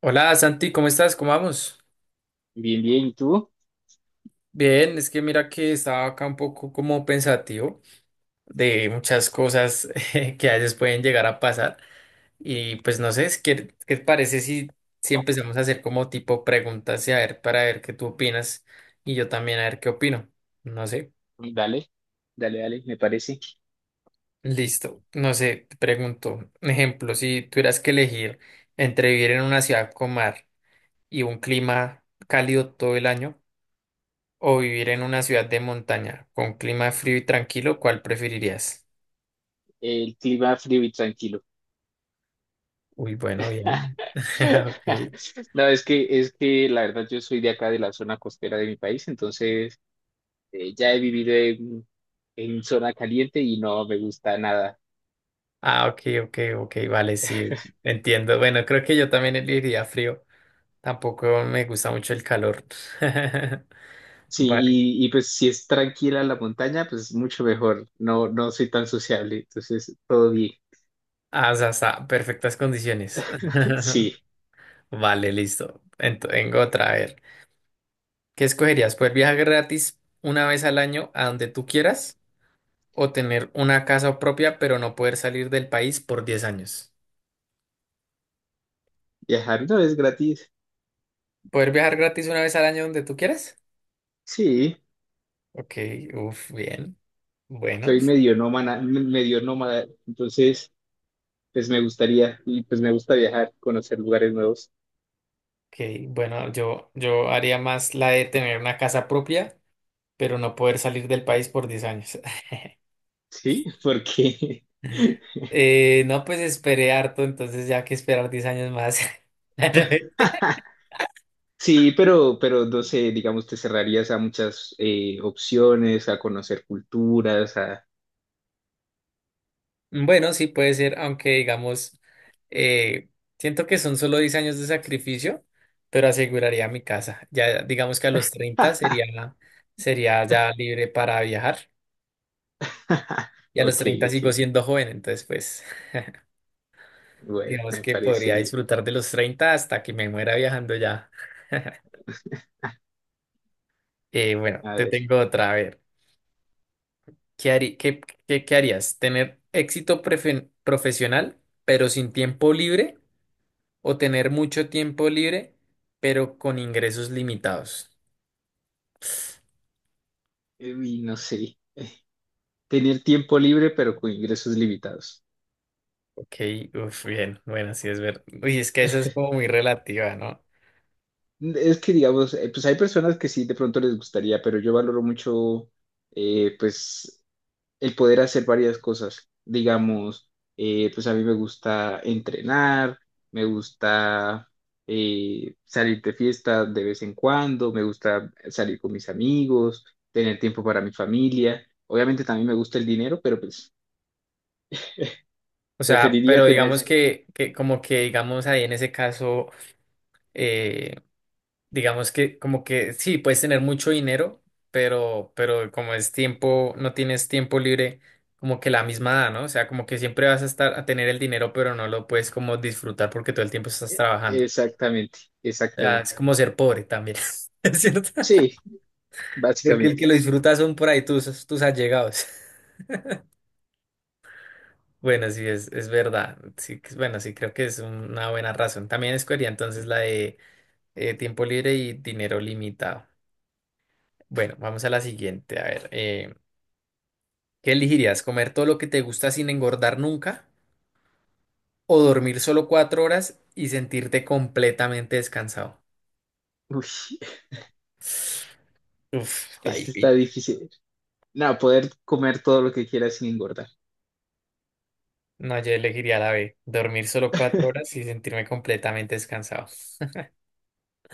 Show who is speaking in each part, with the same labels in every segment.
Speaker 1: Hola Santi, ¿cómo estás? ¿Cómo vamos?
Speaker 2: Bien, bien, ¿y tú?
Speaker 1: Bien, es que mira que estaba acá un poco como pensativo de muchas cosas que a veces pueden llegar a pasar y pues no sé, ¿qué, te parece si empezamos a hacer como tipo preguntas y a ver para ver qué tú opinas y yo también a ver qué opino? No sé,
Speaker 2: Dale, dale, dale, me parece.
Speaker 1: listo, no sé, te pregunto, un ejemplo, si tuvieras que elegir entre vivir en una ciudad con mar y un clima cálido todo el año, o vivir en una ciudad de montaña con clima frío y tranquilo, ¿cuál preferirías?
Speaker 2: El clima frío y tranquilo.
Speaker 1: Uy, bueno, bien. Ok.
Speaker 2: No, es que la verdad yo soy de acá, de la zona costera de mi país, entonces ya he vivido en zona caliente y no me gusta nada.
Speaker 1: Ah, ok, ok, ok, vale, sí, entiendo. Bueno, creo que yo también elegiría frío. Tampoco me gusta mucho el calor.
Speaker 2: Sí,
Speaker 1: Vale.
Speaker 2: y pues si es tranquila la montaña, pues mucho mejor. No, no soy tan sociable, entonces todo bien.
Speaker 1: Ah, o sea, está, perfectas condiciones.
Speaker 2: Sí,
Speaker 1: Vale, listo. Tengo otra, a ver. ¿Qué escogerías? ¿Poder viajar gratis una vez al año a donde tú quieras o tener una casa propia pero no poder salir del país por 10 años?
Speaker 2: viajar no es gratis.
Speaker 1: ¿Poder viajar gratis una vez al año donde tú quieras?
Speaker 2: Sí,
Speaker 1: Ok, uff, bien. Bueno,
Speaker 2: soy medio nómada, entonces... Pues me gustaría, y pues me gusta viajar, conocer lugares nuevos.
Speaker 1: ok, bueno, yo haría más la de tener una casa propia, pero no poder salir del país por 10 años.
Speaker 2: Sí, porque
Speaker 1: No, pues esperé harto, entonces ya que esperar 10 años más.
Speaker 2: sí, pero no sé, digamos, te cerrarías a muchas opciones, a conocer culturas, a...
Speaker 1: Bueno, sí puede ser, aunque digamos, eh, siento que son solo 10 años de sacrificio, pero aseguraría mi casa. Ya digamos que a los 30 sería, sería ya libre para viajar. Y a los
Speaker 2: Ok,
Speaker 1: 30
Speaker 2: ok,
Speaker 1: sigo siendo joven, entonces pues
Speaker 2: bueno,
Speaker 1: digamos
Speaker 2: me
Speaker 1: que
Speaker 2: parece
Speaker 1: podría
Speaker 2: bien.
Speaker 1: disfrutar de los 30 hasta que me muera viajando ya. Bueno,
Speaker 2: A
Speaker 1: te
Speaker 2: ver,
Speaker 1: tengo otra, a ver, ¿qué harí- qué, qué harías? ¿Tener éxito profesional pero sin tiempo libre o tener mucho tiempo libre pero con ingresos limitados?
Speaker 2: uy, no sé, tener tiempo libre pero con ingresos limitados.
Speaker 1: Ok, uf, bien, bueno, sí es verdad. Uy, es que esa es como muy relativa, ¿no?
Speaker 2: Es que, digamos, pues hay personas que sí, de pronto les gustaría, pero yo valoro mucho, pues, el poder hacer varias cosas. Digamos, pues a mí me gusta entrenar, me gusta salir de fiesta de vez en cuando, me gusta salir con mis amigos, tener tiempo para mi familia. Obviamente también me gusta el dinero, pero pues
Speaker 1: O sea,
Speaker 2: preferiría
Speaker 1: pero
Speaker 2: tener...
Speaker 1: digamos que, como que digamos ahí en ese caso eh, digamos que como que sí, puedes tener mucho dinero, pero como es tiempo, no tienes tiempo libre como que la misma edad, ¿no? O sea, como que siempre vas a estar a tener el dinero, pero no lo puedes como disfrutar porque todo el tiempo estás trabajando.
Speaker 2: Exactamente,
Speaker 1: O sea, es
Speaker 2: exactamente.
Speaker 1: como ser pobre también, ¿es cierto?
Speaker 2: Sí,
Speaker 1: Porque el
Speaker 2: básicamente.
Speaker 1: que lo disfruta son por ahí tus allegados. Bueno, sí, es verdad. Sí, bueno, sí, creo que es una buena razón. También escogería entonces la de tiempo libre y dinero limitado. Bueno, vamos a la siguiente. A ver. ¿Qué elegirías? ¿Comer todo lo que te gusta sin engordar nunca? ¿O dormir solo 4 horas y sentirte completamente descansado?
Speaker 2: Uy,
Speaker 1: Uf, está
Speaker 2: este está
Speaker 1: difícil.
Speaker 2: difícil. No, poder comer todo lo que quiera sin engordar.
Speaker 1: No, yo elegiría la B. Dormir solo cuatro horas y sentirme completamente descansado.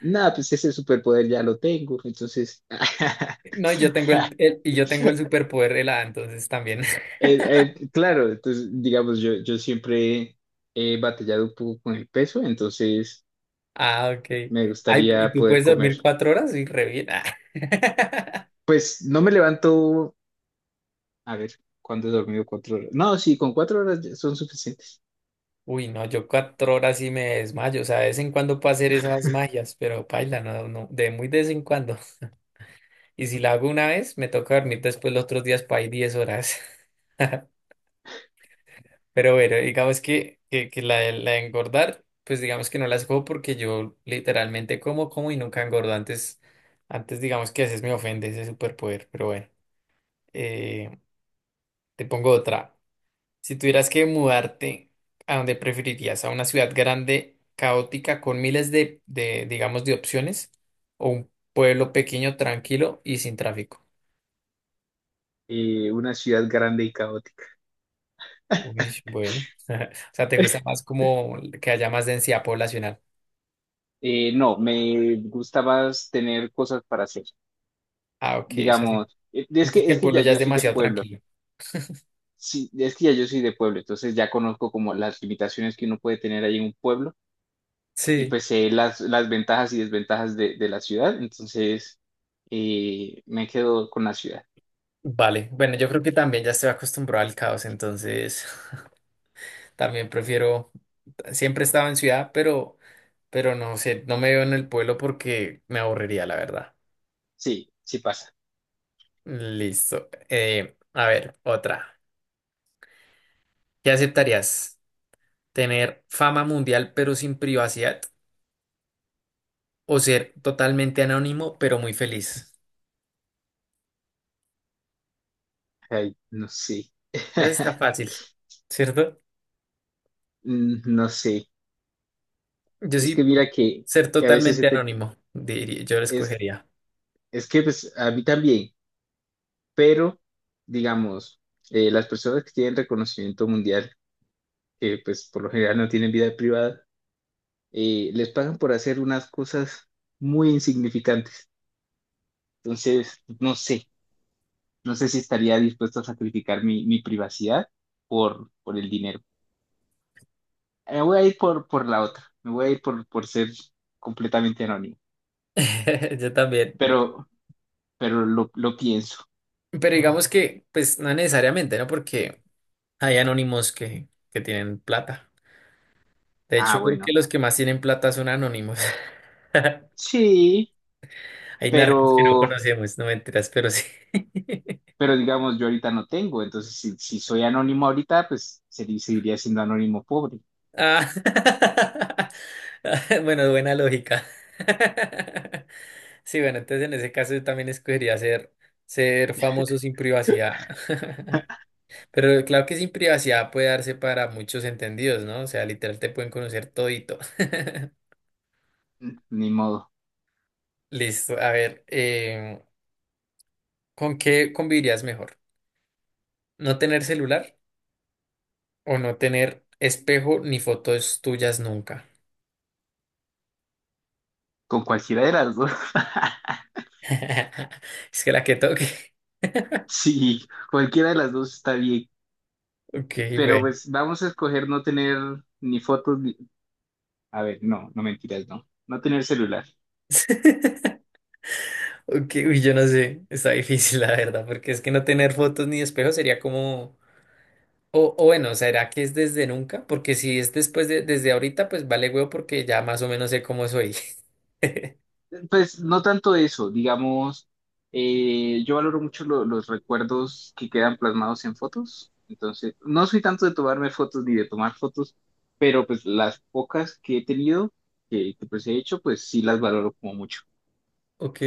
Speaker 2: No, pues ese superpoder ya lo tengo, entonces
Speaker 1: No, y yo tengo el superpoder de la A, entonces también.
Speaker 2: Eh, claro, entonces, digamos, yo siempre he batallado un poco con el peso, entonces
Speaker 1: Ah, ok.
Speaker 2: me
Speaker 1: Ay, ¿y
Speaker 2: gustaría
Speaker 1: tú
Speaker 2: poder
Speaker 1: puedes
Speaker 2: comer.
Speaker 1: dormir 4 horas? Y re bien. Ah.
Speaker 2: Pues no me levanto, a ver, ¿cuándo he dormido? 4 horas. No, sí, con 4 horas ya son suficientes.
Speaker 1: Uy, no, yo 4 horas y me desmayo. O sea, de vez en cuando puedo hacer esas magias, pero paila, no, no, de muy de vez en cuando. Y si la hago una vez, me toca dormir después los otros días para ir 10 horas. Pero bueno, digamos que la, la de engordar, pues digamos que no las cojo porque yo literalmente como y nunca engordo. Antes digamos que a veces me ofende ese superpoder, pero bueno. Eh, Te pongo otra. Si tuvieras que mudarte, ¿a dónde preferirías? ¿A una ciudad grande, caótica, con miles de digamos, de opciones? ¿O un pueblo pequeño, tranquilo y sin tráfico?
Speaker 2: Una ciudad grande y caótica.
Speaker 1: Uy, bueno. O sea, ¿te gusta más como que haya más densidad poblacional?
Speaker 2: No, me gusta más tener cosas para hacer.
Speaker 1: Ah, ok, es así.
Speaker 2: Digamos, es
Speaker 1: Entonces
Speaker 2: que,
Speaker 1: que
Speaker 2: es
Speaker 1: el
Speaker 2: que
Speaker 1: pueblo
Speaker 2: ya
Speaker 1: ya
Speaker 2: yo
Speaker 1: es
Speaker 2: soy de
Speaker 1: demasiado
Speaker 2: pueblo.
Speaker 1: tranquilo.
Speaker 2: Sí, es que ya yo soy de pueblo, entonces ya conozco como las limitaciones que uno puede tener ahí en un pueblo. Y
Speaker 1: Sí.
Speaker 2: pues sé las ventajas y desventajas de la ciudad, entonces me quedo con la ciudad.
Speaker 1: Vale, bueno, yo creo que también ya estoy acostumbrado al caos, entonces también prefiero, siempre he estado en ciudad, pero no sé, no me veo en el pueblo porque me aburriría, la verdad.
Speaker 2: Sí, sí pasa.
Speaker 1: Listo. A ver, otra. ¿Qué aceptarías? ¿Tener fama mundial pero sin privacidad? ¿O ser totalmente anónimo pero muy feliz?
Speaker 2: Ay, no sé.
Speaker 1: Esa sí está fácil, ¿cierto?
Speaker 2: No sé.
Speaker 1: Yo
Speaker 2: Es que
Speaker 1: sí,
Speaker 2: mira
Speaker 1: ser
Speaker 2: que a veces se
Speaker 1: totalmente
Speaker 2: te-
Speaker 1: anónimo, diría, yo lo
Speaker 2: es,
Speaker 1: escogería.
Speaker 2: es que pues a mí también, pero digamos, las personas que tienen reconocimiento mundial, que pues por lo general no tienen vida privada, les pagan por hacer unas cosas muy insignificantes. Entonces, no sé. No sé si estaría dispuesto a sacrificar mi privacidad por el dinero. Me voy a ir por la otra. Me voy a ir por ser completamente anónimo.
Speaker 1: Yo también.
Speaker 2: Pero, pero lo pienso.
Speaker 1: Pero digamos que, pues, no necesariamente, ¿no? Porque hay anónimos que tienen plata. De
Speaker 2: Ah,
Speaker 1: hecho, creo que
Speaker 2: bueno.
Speaker 1: los que más tienen plata son anónimos.
Speaker 2: Sí,
Speaker 1: Hay narcos que no
Speaker 2: pero,
Speaker 1: conocemos, no mentiras, pero sí.
Speaker 2: pero digamos, yo ahorita no tengo. Entonces, si soy anónimo ahorita, pues sería, seguiría siendo anónimo pobre.
Speaker 1: Ah. Bueno, buena lógica. Sí, bueno, entonces en ese caso yo también escogería ser famoso sin privacidad. Pero claro que sin privacidad puede darse para muchos entendidos, ¿no? O sea, literal te pueden conocer todito.
Speaker 2: Ni modo.
Speaker 1: Listo, a ver, ¿con qué convivirías mejor? ¿No tener celular o no tener espejo ni fotos tuyas nunca?
Speaker 2: Con cualquiera de las dos.
Speaker 1: Es que la que toque.
Speaker 2: Sí, cualquiera de las dos está bien.
Speaker 1: Ok,
Speaker 2: Pero
Speaker 1: bueno.
Speaker 2: pues vamos a escoger no tener ni fotos, ni- A ver, no, no mentiras, no. No tener celular.
Speaker 1: Ok, uy, yo no sé, está difícil la verdad, porque es que no tener fotos ni espejo sería como o bueno, ¿será que es desde nunca? Porque si es después desde ahorita, pues vale huevo porque ya más o menos sé cómo soy.
Speaker 2: Pues no tanto eso, digamos, yo valoro mucho los recuerdos que quedan plasmados en fotos. Entonces, no soy tanto de tomarme fotos ni de tomar fotos, pero pues las pocas que he tenido, que, pues he hecho, pues sí las valoro como mucho.
Speaker 1: Ok.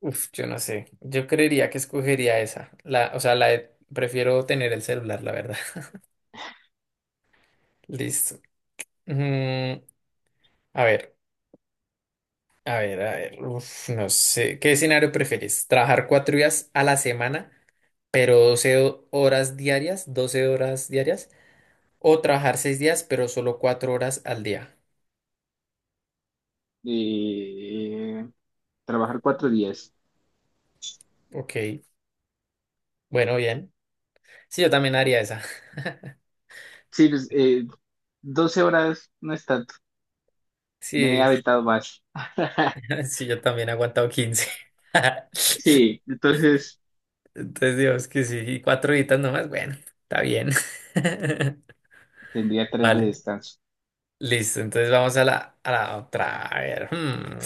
Speaker 1: Uf, yo no sé. Yo creería que escogería esa. O sea, prefiero tener el celular, la verdad. Listo. Mm. A ver, a ver, a ver. Uf, no sé. ¿Qué escenario prefieres? ¿Trabajar 4 días a la semana, pero 12 horas diarias? ¿O trabajar 6 días, pero solo 4 horas al día?
Speaker 2: Eh, Trabajar 4 días.
Speaker 1: Ok. Bueno, bien. Sí, yo también haría esa.
Speaker 2: Sí, pues, 12 horas no es tanto. Me he
Speaker 1: Sí,
Speaker 2: aventado más.
Speaker 1: sí, yo también he aguantado 15.
Speaker 2: Sí, entonces
Speaker 1: Entonces, Dios, que sí, y cuatro horitas nomás, bueno, está bien.
Speaker 2: tendría tres de
Speaker 1: Vale,
Speaker 2: descanso.
Speaker 1: listo, entonces vamos a la otra. A ver,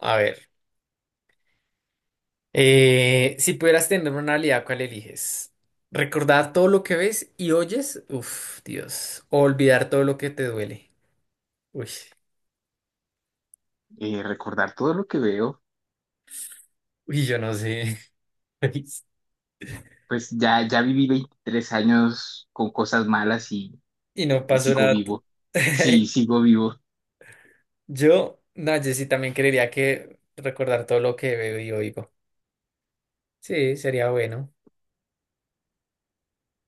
Speaker 1: a ver. Si pudieras tener una habilidad, ¿cuál eliges? ¿Recordar todo lo que ves y oyes? Uf, Dios. ¿O olvidar todo lo que te duele? Uy,
Speaker 2: Recordar todo lo que veo.
Speaker 1: uy, yo no sé.
Speaker 2: Pues ya, ya viví 23 años con cosas malas y,
Speaker 1: Y no
Speaker 2: y- y
Speaker 1: pasó
Speaker 2: sigo
Speaker 1: nada.
Speaker 2: vivo. Sí, sigo vivo.
Speaker 1: Yo, no, yo sí también creería que recordar todo lo que veo y oigo. Sí, sería bueno.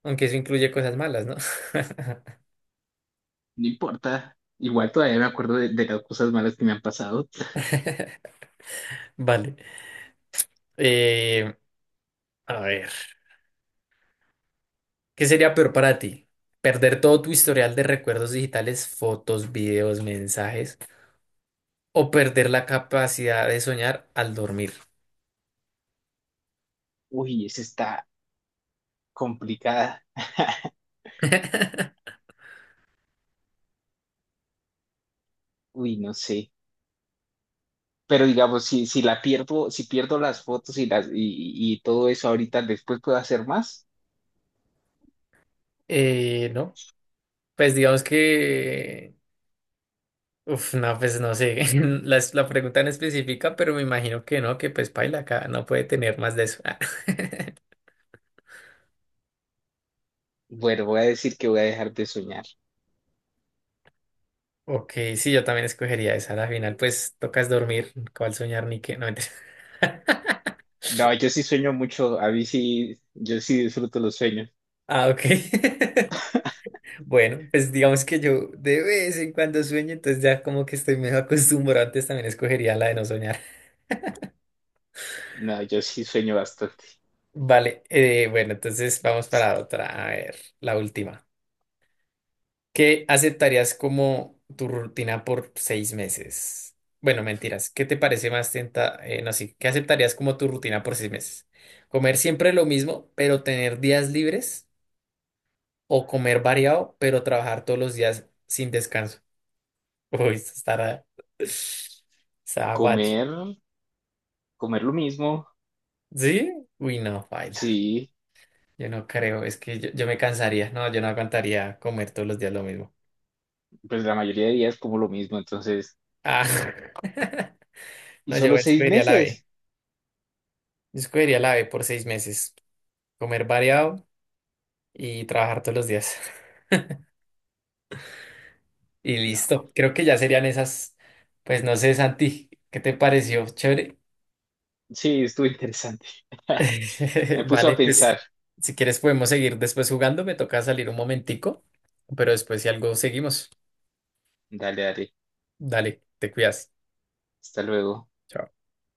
Speaker 1: Aunque eso incluye cosas malas, ¿no?
Speaker 2: No importa. Igual todavía me acuerdo de las cosas malas que me han pasado.
Speaker 1: Vale. Eh, a ver, ¿qué sería peor para ti? ¿Perder todo tu historial de recuerdos digitales, fotos, videos, mensajes? ¿O perder la capacidad de soñar al dormir?
Speaker 2: Uy, esa está complicada. Uy, no sé. Pero digamos, si la pierdo, si pierdo las fotos y las y todo eso ahorita, después puedo hacer más.
Speaker 1: No, pues digamos que, uf, no, pues no sé, la pregunta en específica, pero me imagino que no, que pues paila acá no puede tener más de eso.
Speaker 2: Bueno, voy a decir que voy a dejar de soñar.
Speaker 1: Ok, sí, yo también escogería esa. Al final, pues tocas dormir, cuál soñar ni qué. No, mentira.
Speaker 2: No, yo sí sueño mucho. A mí sí, yo sí disfruto los sueños.
Speaker 1: Ah, ok. Bueno, pues digamos que yo de vez en cuando sueño, entonces ya como que estoy medio acostumbrado. Antes también escogería la de no soñar.
Speaker 2: No, yo sí sueño bastante.
Speaker 1: Vale, bueno, entonces vamos para otra. A ver, la última. ¿Qué aceptarías como tu rutina por 6 meses? Bueno, mentiras. ¿Qué te parece más tenta? No, sí. ¿Qué aceptarías como tu rutina por seis meses? ¿Comer siempre lo mismo, pero tener días libres? O comer variado, pero trabajar todos los días sin descanso. Uy, eso estará. Está guacho.
Speaker 2: Comer, comer lo mismo,
Speaker 1: ¿Sí? Uy, no, baila.
Speaker 2: sí,
Speaker 1: Yo no creo, es que yo me cansaría. No, yo no aguantaría comer todos los días lo mismo.
Speaker 2: pues la mayoría de días como lo mismo, entonces,
Speaker 1: Ah.
Speaker 2: ¿y
Speaker 1: No, yo
Speaker 2: solo seis
Speaker 1: escogería la B.
Speaker 2: meses?
Speaker 1: Yo escogería la B por 6 meses. Comer variado y trabajar todos los días. Y
Speaker 2: No,
Speaker 1: listo. Creo que ya serían esas. Pues no sé, Santi, ¿qué te pareció? Chévere.
Speaker 2: sí, estuvo interesante. Me puso a
Speaker 1: Vale, pues
Speaker 2: pensar.
Speaker 1: si quieres podemos seguir después jugando. Me toca salir un momentico, pero después si algo seguimos.
Speaker 2: Dale, dale,
Speaker 1: Dale, te cuidas.
Speaker 2: hasta luego.
Speaker 1: Chao.